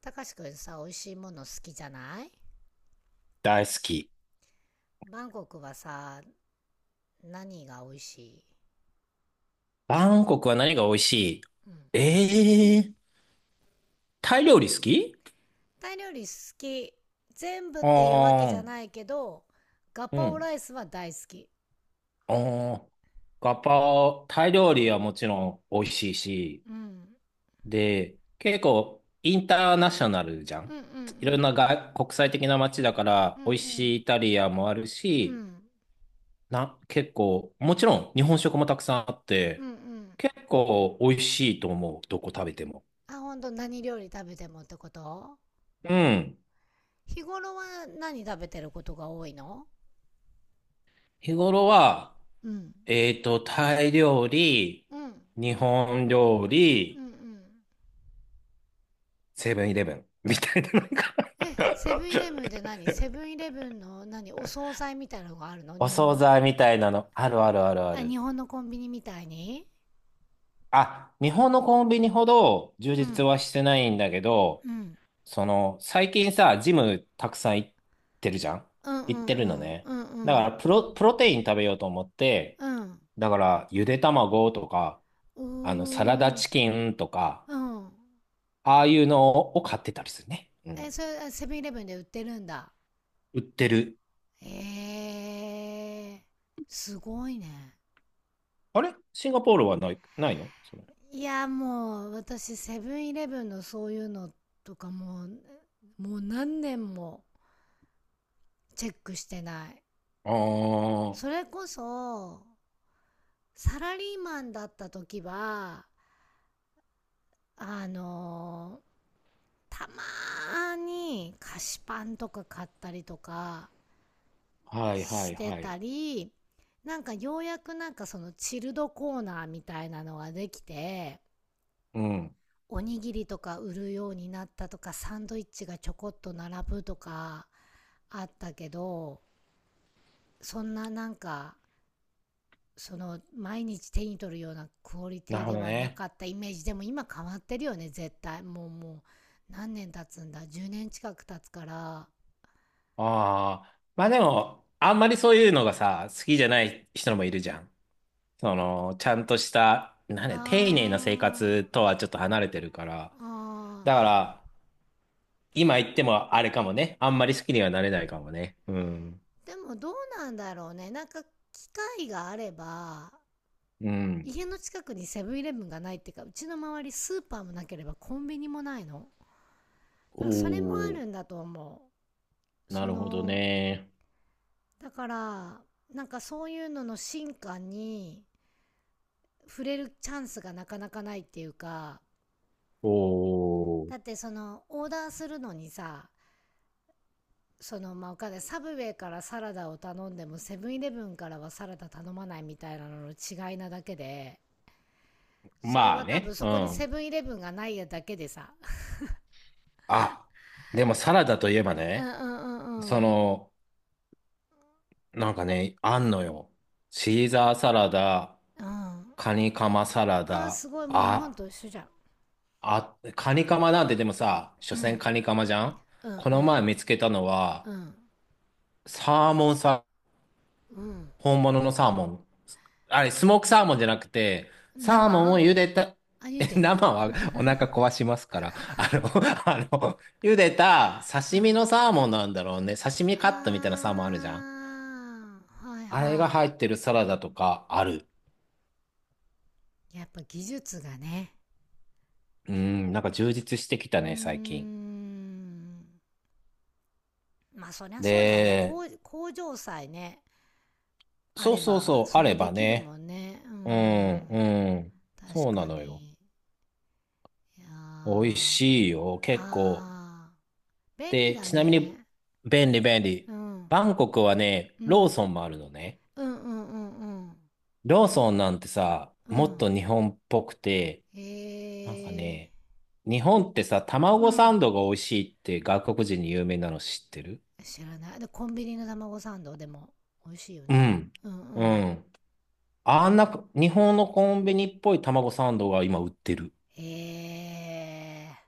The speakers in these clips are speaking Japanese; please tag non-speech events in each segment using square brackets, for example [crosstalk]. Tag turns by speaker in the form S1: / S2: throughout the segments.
S1: たかしくんさ、美味しいもの好きじゃない？
S2: 大好き。
S1: バンコクはさ、何が美味しい？
S2: バンコクは何が美味しい？
S1: うん。
S2: えー、タイ料理好き？
S1: タイ料理好き。全部っ
S2: あ
S1: ていうわけじゃ
S2: ー、
S1: ないけど、ガ
S2: う
S1: パオ
S2: ん。
S1: ライスは大好き。
S2: あー、ガパオ、タイ料理はもちろん美味しいし、
S1: うん。
S2: で、結構インターナショナルじゃ
S1: う
S2: ん。
S1: ん、うん、う
S2: いろんな
S1: ん、
S2: 国際的な街だか
S1: う
S2: ら、
S1: ん。う
S2: 美味し
S1: ん、
S2: いイタリアもある
S1: うん。
S2: し、
S1: うん。
S2: 結構、もちろん日本食もたくさんあっ
S1: うん、
S2: て、
S1: うん。
S2: 結構美味しいと思う、どこ食べても。
S1: あ、ほんと？何料理食べてもってこと？
S2: うん。
S1: 日頃は何食べてることが多いの？
S2: 日頃は、
S1: うん。
S2: タイ料理、
S1: うん。
S2: 日本料
S1: う
S2: 理、
S1: ん、うん。
S2: セブンイレブンみたいなのが
S1: え、セブンイレブンで
S2: [laughs]
S1: 何？セブンイレブンの何、お惣菜みたいなのがあるの、
S2: お
S1: 日本
S2: 惣
S1: の？
S2: 菜みたいなの、あるあるあるあ
S1: あ、
S2: る。
S1: 日本のコンビニみたいに？
S2: あ、日本のコンビニほど充
S1: う
S2: 実
S1: ん。
S2: はしてないんだけど、
S1: うん。
S2: その、最近さ、ジムたくさん行ってるじゃん、
S1: うん、う
S2: 行っ
S1: ん、
S2: てる
S1: う
S2: の
S1: ん。
S2: ね。
S1: うん、う
S2: だか
S1: ん。
S2: ら、プロテイン食べようと思って、
S1: うん。
S2: だから、ゆで卵とか、
S1: うー
S2: サラダ
S1: ん。
S2: チキンとか、
S1: うん。
S2: ああいうのを買ってたりするね。う
S1: え、
S2: ん。
S1: それ、あ、セブンイレブンで売ってるんだ。
S2: 売ってる。
S1: え、えー。すごいね。
S2: あれシンガポールはないのそれ？
S1: いや、もう、私、セブンイレブンのそういうのとかもう、もう何年もチェックしてない。
S2: あ
S1: そ
S2: あ、
S1: れこそ、サラリーマンだった時は、あのーたまーに菓子パンとか買ったりとか
S2: はいは
S1: し
S2: い
S1: て
S2: は
S1: た
S2: い。
S1: り、なんかようやくなんかそのチルドコーナーみたいなのができて、
S2: うん。
S1: おにぎりとか売るようになったとか、サンドイッチがちょこっと並ぶとかあったけど、そんななんかその毎日手に取るようなクオリテ
S2: な
S1: ィ
S2: るほ
S1: で
S2: ど
S1: はな
S2: ね。
S1: かったイメージ。でも今変わってるよね、絶対。もう何年経つんだ、10年近く経つから。
S2: ああ。まあでも、あんまりそういうのがさ、好きじゃない人もいるじゃん。その、ちゃんとした、なん
S1: あ
S2: だ、丁寧な生
S1: ー、
S2: 活とはちょっと離れてるから。
S1: あ
S2: だから、今言ってもあれかもね。あんまり好きにはなれないかもね。うん。
S1: ー、でもどうなんだろうね。なんか機会があれば、
S2: うん。
S1: 家の近くにセブンイレブンがないっていうか、うちの周りスーパーもなければコンビニもないの。
S2: お
S1: なんかそれもあ
S2: お、
S1: るんだと思う。
S2: な
S1: そ
S2: るほど
S1: の、
S2: ね。
S1: だからなんかそういうのの進化に触れるチャンスがなかなかないっていうか、
S2: おお、
S1: だってその、オーダーするのにさ、その、まあ、お金、サブウェイからサラダを頼んでも、セブンイレブンからはサラダ頼まないみたいなのの違いなだけで、それ
S2: ま
S1: は
S2: あ
S1: 多分
S2: ね。
S1: そ
S2: う
S1: こにセ
S2: ん。
S1: ブンイレブンがないやだけでさ。
S2: あ、でもサラダといえば
S1: うん、う
S2: ね、
S1: ん、うん、う
S2: そ
S1: ん。
S2: の、なんかね、あんのよ。シーザーサラダ、
S1: うん。
S2: カニカマサラ
S1: あー、
S2: ダ、
S1: すごい、もう日本
S2: あ、
S1: と一緒じゃん。
S2: カニカマなんてでもさ、所
S1: う
S2: 詮
S1: ん。
S2: カニカマじゃん。
S1: う
S2: この
S1: ん、
S2: 前見つけたの
S1: う
S2: は、
S1: ん。うん。
S2: サーモンさ、
S1: うん。
S2: 本物のサーモン。あれ、スモークサーモンじゃなくて、サー
S1: 生。
S2: モンを茹でた、
S1: あ、茹でた。
S2: 生はお腹壊しますから、[laughs] あ茹でた
S1: う
S2: 刺身
S1: ん。
S2: のサーモンなんだろうね。刺身カットみたいな
S1: あ
S2: サーモンあるじゃん。
S1: ー、はい
S2: あれが
S1: はい。
S2: 入ってるサラダとかある。
S1: やっぱ技術がね。
S2: うん、なんか充実してきた
S1: うー
S2: ね、最近。
S1: ん。まあそりゃそうだよね。
S2: で、
S1: 工場さえね、あ
S2: そう
S1: れ
S2: そう
S1: ば
S2: そう、
S1: そ
S2: あ
S1: れ
S2: れ
S1: で
S2: ば
S1: きる
S2: ね。
S1: もんね。うー
S2: うん、
S1: ん。
S2: うん。
S1: 確
S2: そうな
S1: か
S2: のよ。
S1: に。いやー、
S2: 美味
S1: あ、
S2: しいよ、結構。
S1: あー。便利
S2: で、
S1: だ
S2: ちなみに、
S1: ね。
S2: 便利便
S1: う
S2: 利。
S1: ん。
S2: バンコクはね、
S1: う
S2: ロー
S1: ん。
S2: ソンもあるのね。
S1: うん、うん、うん、
S2: ローソンなんてさ、
S1: うん。う
S2: もっ
S1: ん。
S2: と日本っぽくて、
S1: へ
S2: なんか
S1: え
S2: ね、日本ってさ、
S1: ー。う
S2: 卵サ
S1: ん。
S2: ンドが美味しいって外国人に有名なの知ってる？
S1: 知らない。で、コンビニの卵サンドでも美味しいよ
S2: う
S1: ね。
S2: ん。
S1: うん、う
S2: う
S1: ん。
S2: ん。あんな、日本のコンビニっぽい卵サンドが今売ってる。
S1: へえー。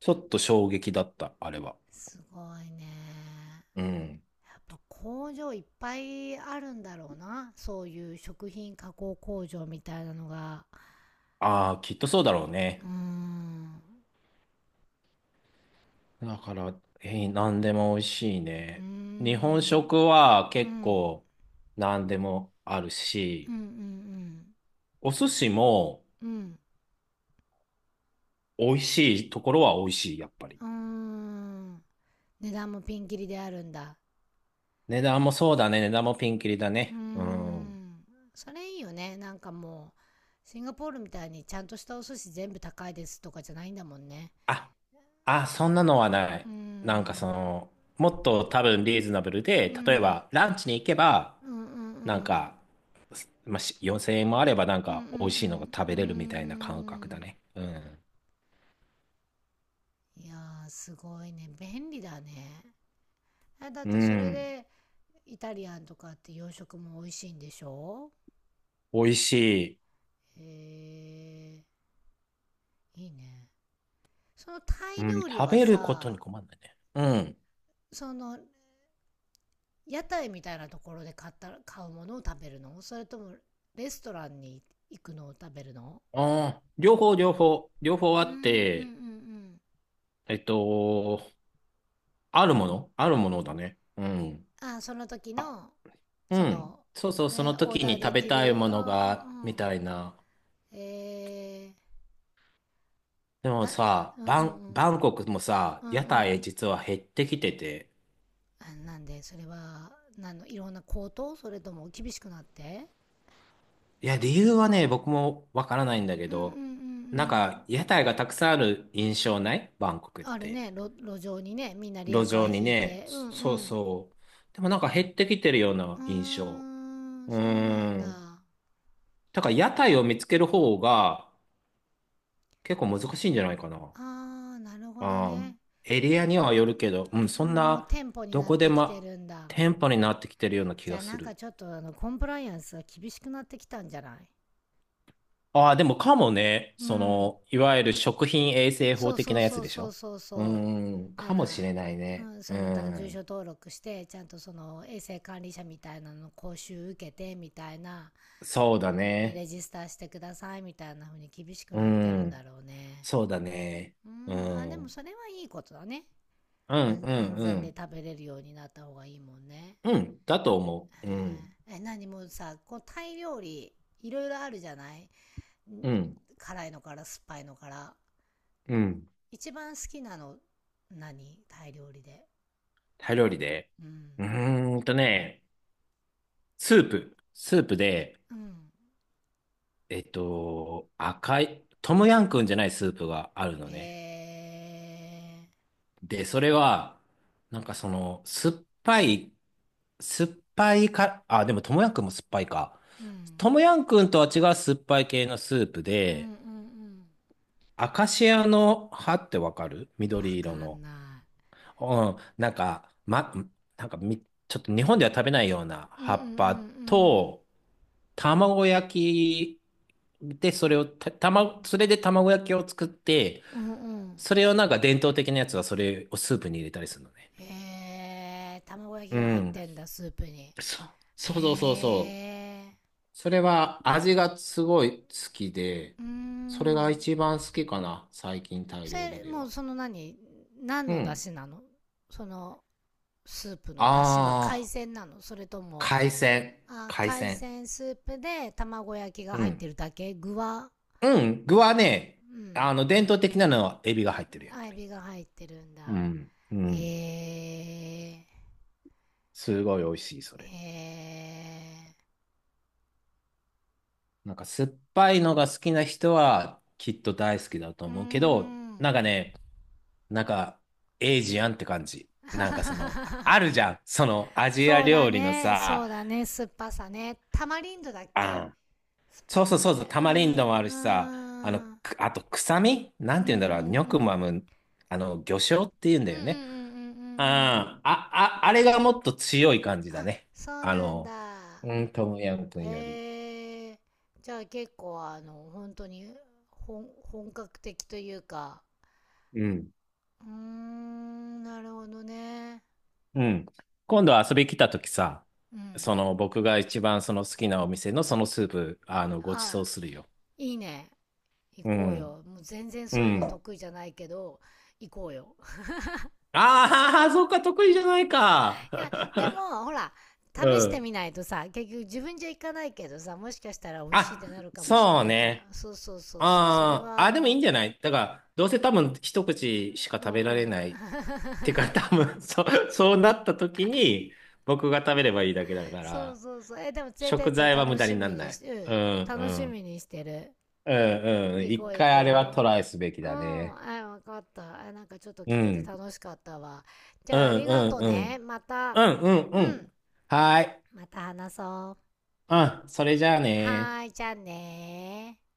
S2: ちょっと衝撃だった、あれは。
S1: すごいね。
S2: うん。
S1: やっぱ工場いっぱいあるんだろうな。そういう食品加工工場みたいなのが。
S2: ああ、きっとそうだろう
S1: う
S2: ね。
S1: ーん。
S2: だから、何でも美味しい
S1: うー
S2: ね。日本
S1: ん。
S2: 食は
S1: う
S2: 結
S1: ん。
S2: 構何でもある
S1: うん、
S2: し、
S1: うん、
S2: お寿司も
S1: うん。うん。
S2: 美味しいところは美味しい、やっぱり。
S1: うーん。値段もピンキリであるんだ。
S2: 値段もそうだね。値段もピンキリだ
S1: うー
S2: ね。うん。
S1: ん。それいいよね。なんかもう、シンガポールみたいにちゃんとしたお寿司全部高いですとかじゃないんだもんね。
S2: あ、そんなのはない。
S1: うー
S2: なんかそ
S1: ん。
S2: の、もっと多分リーズナブルで、
S1: う
S2: 例え
S1: ん。
S2: ばランチに行けば、
S1: うん、うん、う
S2: なん
S1: ん。
S2: か、まあ、4000円もあればなん
S1: うん、うん、う
S2: か美味しいのが食べれるみたいな感覚だ
S1: ん。
S2: ね。うん。
S1: うーん。いやー、すごいね。便利だね。え、だっ
S2: う
S1: てそれ
S2: ん。
S1: で、イタリアンとかって洋食も美味しいんでしょ？
S2: 美味しい。
S1: へー、いいね。そのタ
S2: う
S1: イ
S2: ん。
S1: 料理
S2: 食
S1: は
S2: べることに
S1: さ、
S2: 困んないね。うん。
S1: その、屋台みたいなところで買った買うものを食べるの？それとも、レストランに行くのを食べるの？
S2: ああ、両方、両方、両方あ
S1: うん、うん、う
S2: って、
S1: ん、
S2: えっと、あるものあるものだね。うん。
S1: うん。あ、その時
S2: あ、
S1: の、
S2: う
S1: そ
S2: ん。
S1: の、
S2: そうそう、その
S1: オー
S2: 時
S1: ダー
S2: に
S1: で
S2: 食べ
S1: き
S2: たい
S1: る、
S2: も
S1: う
S2: のが、
S1: ん、う
S2: み
S1: ん。
S2: たいな。
S1: え
S2: で
S1: ー、
S2: も
S1: な、
S2: さ、
S1: うん、うん、うん。
S2: バンコクもさ、
S1: うん、
S2: 屋
S1: う
S2: 台
S1: ん。
S2: 実は減ってきてて、
S1: あ、なんで、それは？なんの、いろんな高騰？それとも厳しくなって？
S2: いや、理由はね、僕もわからないんだけ
S1: うん、うん、うん、う
S2: ど、なん
S1: ん。
S2: か、屋台がたくさんある印象ないバンコクっ
S1: ある
S2: て。
S1: ね、路上にね、みんなリ
S2: 路
S1: ヤカ
S2: 上
S1: ー
S2: に
S1: 引い
S2: ね、
S1: て。うん、
S2: そう
S1: うん。
S2: そう。でもなんか減ってきてるよう
S1: う
S2: な
S1: ー
S2: 印象。
S1: ん、
S2: うー
S1: そうなん
S2: ん。
S1: だ。
S2: だから屋台を見つける方が結構難しいんじゃないかな。
S1: あー、なるほど
S2: あー、
S1: ね。
S2: エリアにはよるけど、うん、そ
S1: う
S2: ん
S1: ん、もう
S2: な、
S1: 店舗に
S2: ど
S1: なっ
S2: こで
S1: てきて
S2: も
S1: るんだ。
S2: 店舗になってきてるような気
S1: じゃ
S2: が
S1: あ
S2: す
S1: なんか
S2: る。
S1: ちょっと、あの、コンプライアンスが厳しくなってきたんじゃない？
S2: ああ、でもかもね、
S1: う
S2: そ
S1: ん。
S2: の、いわゆる食品衛生
S1: そ
S2: 法
S1: う
S2: 的
S1: そう
S2: なや
S1: そ
S2: つ
S1: う
S2: でし
S1: そう
S2: ょ？
S1: そうそう、な
S2: かもし
S1: ら、
S2: れない
S1: う
S2: ね。
S1: ん、
S2: うー
S1: そのだ住所
S2: ん、
S1: 登録してちゃんとその衛生管理者みたいなの講習受けてみたいな、
S2: そうだ
S1: で
S2: ね。
S1: レジスターしてくださいみたいな風に厳しく
S2: うー
S1: なってるんだ
S2: ん、
S1: ろうね。
S2: そうだね。
S1: う
S2: うー
S1: ん、あ、で
S2: ん、う
S1: も
S2: ん、
S1: それはいいことだね。
S2: うん、
S1: 安安
S2: う
S1: 全で
S2: ん。
S1: 食べれるようになった方がいいもんね。
S2: うん、だと思う。うん、
S1: へえ、え、何？もうさ、こうタイ料理いろいろあるじゃない？ん、
S2: うん、
S1: 辛いのから酸っぱいのから、
S2: うん。
S1: 一番好きなの何？タイ料理で。
S2: タイ料理で。
S1: うん。
S2: うーんとね、スープ。スープで、
S1: うん。
S2: 赤い、トムヤンくんじゃないスープがあるのね。
S1: え、え
S2: で、それは、なんかその、酸っぱいか、あ、でも、ともやんくんも酸っぱいか。
S1: ー。うん。
S2: ともやんくんとは違う酸っぱい系のスープ
S1: うん、うん、う
S2: で、
S1: ん。
S2: アカシアの葉ってわかる？
S1: わ
S2: 緑
S1: か
S2: 色の。
S1: んな
S2: うん、なんか、ま、なんかみ、ちょっと日本では食べないような
S1: い。うん、うん、
S2: 葉
S1: う
S2: っぱ
S1: ん、
S2: と、卵焼きで、それで卵焼きを作って、
S1: うん。うん、うん。
S2: それをなんか伝統的なやつはそれをスープに入れたりするのね。
S1: へえー。卵焼き
S2: う
S1: が入っ
S2: ん。
S1: てんだ、スープに？
S2: そ、
S1: へ
S2: そうそうそうそう。
S1: え
S2: それは味がすごい好きで、
S1: ー。うー
S2: それが
S1: ん。
S2: 一番好きかな、最近タイ
S1: そ
S2: 料理
S1: れ、
S2: で
S1: もう
S2: は。
S1: その何
S2: う
S1: の出
S2: ん。
S1: 汁なの？その、スープの出汁は海
S2: ああ、
S1: 鮮なの？それとも？
S2: 海鮮。
S1: あー、
S2: 海
S1: 海
S2: 鮮。
S1: 鮮スープで卵焼きが
S2: う
S1: 入っ
S2: ん。
S1: てるだけ？具は？
S2: うん。具はね、
S1: うん。
S2: 伝統的なのはエビが入ってる、やっ
S1: アイ
S2: ぱり。
S1: ビが入ってるん
S2: う
S1: だ。
S2: ん。うん。
S1: へえ
S2: すごい美味しい、そ
S1: ー。
S2: れ。
S1: へ
S2: なんか酸っぱいのが好きな人はきっと大好きだと
S1: えー。うー
S2: 思うけど、な
S1: ん。
S2: んかね、なんか、エイジアンって感じ。なんかその、ああ
S1: [laughs]
S2: るじゃん。その、アジア
S1: そうだ
S2: 料理の
S1: ね。そ
S2: さ、
S1: うだね。酸っぱさね。タマリンドだっ
S2: あ
S1: け、
S2: ん。
S1: 酸っ
S2: そ
S1: ぱ
S2: う
S1: い
S2: そう
S1: のっ
S2: そう
S1: て？
S2: そう、タ
S1: う
S2: マリン
S1: ん、
S2: ドもあるしさ、
S1: うん。
S2: あと、臭みな
S1: う
S2: ん
S1: ん、
S2: て
S1: う
S2: 言う
S1: ん、
S2: ん
S1: う
S2: だろう、ニョクマ
S1: ん。
S2: ム、魚醤って言うん
S1: う
S2: だ
S1: ん、う
S2: よ
S1: ん、うん、うん、う
S2: ね。
S1: ん、うん。
S2: あれがもっと強い感じだ
S1: あ、
S2: ね。
S1: そう
S2: あ
S1: なん
S2: の、
S1: だ。
S2: うん、トムヤム君より。
S1: えー。じゃあ結構あの、本当に本格的というか、
S2: うん。
S1: うーん、なるほどね。
S2: うん。今度遊び来た時さ、
S1: うん。
S2: その、僕が一番その好きなお店のそのスープ、ご馳
S1: あ、
S2: 走するよ。
S1: いいね。行
S2: う
S1: こう
S2: ん。
S1: よ。もう全然
S2: う
S1: そういうの
S2: ん。
S1: 得意じゃないけど、行こうよ。
S2: ああ、そうか、得意じゃないか。
S1: [laughs] いや、でも、ほら、
S2: [laughs] う
S1: 試して
S2: ん。
S1: みないとさ、結局自分じゃ行かないけどさ、もしかしたら美味しいっ
S2: あ、
S1: てなるかもしれ
S2: そう
S1: ないから。
S2: ね。
S1: そうそうそうそう。それ
S2: あ
S1: は
S2: ー
S1: あ
S2: あ、でもいいん
S1: の、
S2: じゃない？だから、どうせ多分一口しか
S1: うん、う
S2: 食べられない。
S1: ん。
S2: てか、[laughs] 多分そうなった時に、僕が食べればいいだけだ
S1: [laughs]
S2: か
S1: そう
S2: ら、
S1: そうそう。え、でも連れてっ
S2: 食
S1: て
S2: 材は無
S1: 楽
S2: 駄に
S1: し
S2: な
S1: み
S2: ん
S1: に
S2: ない。
S1: し、う
S2: う
S1: ん、
S2: ん、う
S1: 楽し
S2: ん。
S1: みにしてる。
S2: うん、うん。
S1: 行こ
S2: 一
S1: う行
S2: 回あれは
S1: こ
S2: トライすべき
S1: う、
S2: だ
S1: ん、
S2: ね。
S1: はい、わかった。あ、なんかちょっと
S2: う
S1: 聞けて
S2: ん。
S1: 楽しかったわ。じ
S2: うん、
S1: ゃあ、あり
S2: う
S1: が
S2: ん、
S1: と
S2: う
S1: ね。
S2: ん。
S1: また、
S2: うん、うん、う
S1: うん、
S2: ん。はーい。
S1: また話そう。
S2: うん、それじゃあね。
S1: はーい、じゃあねー。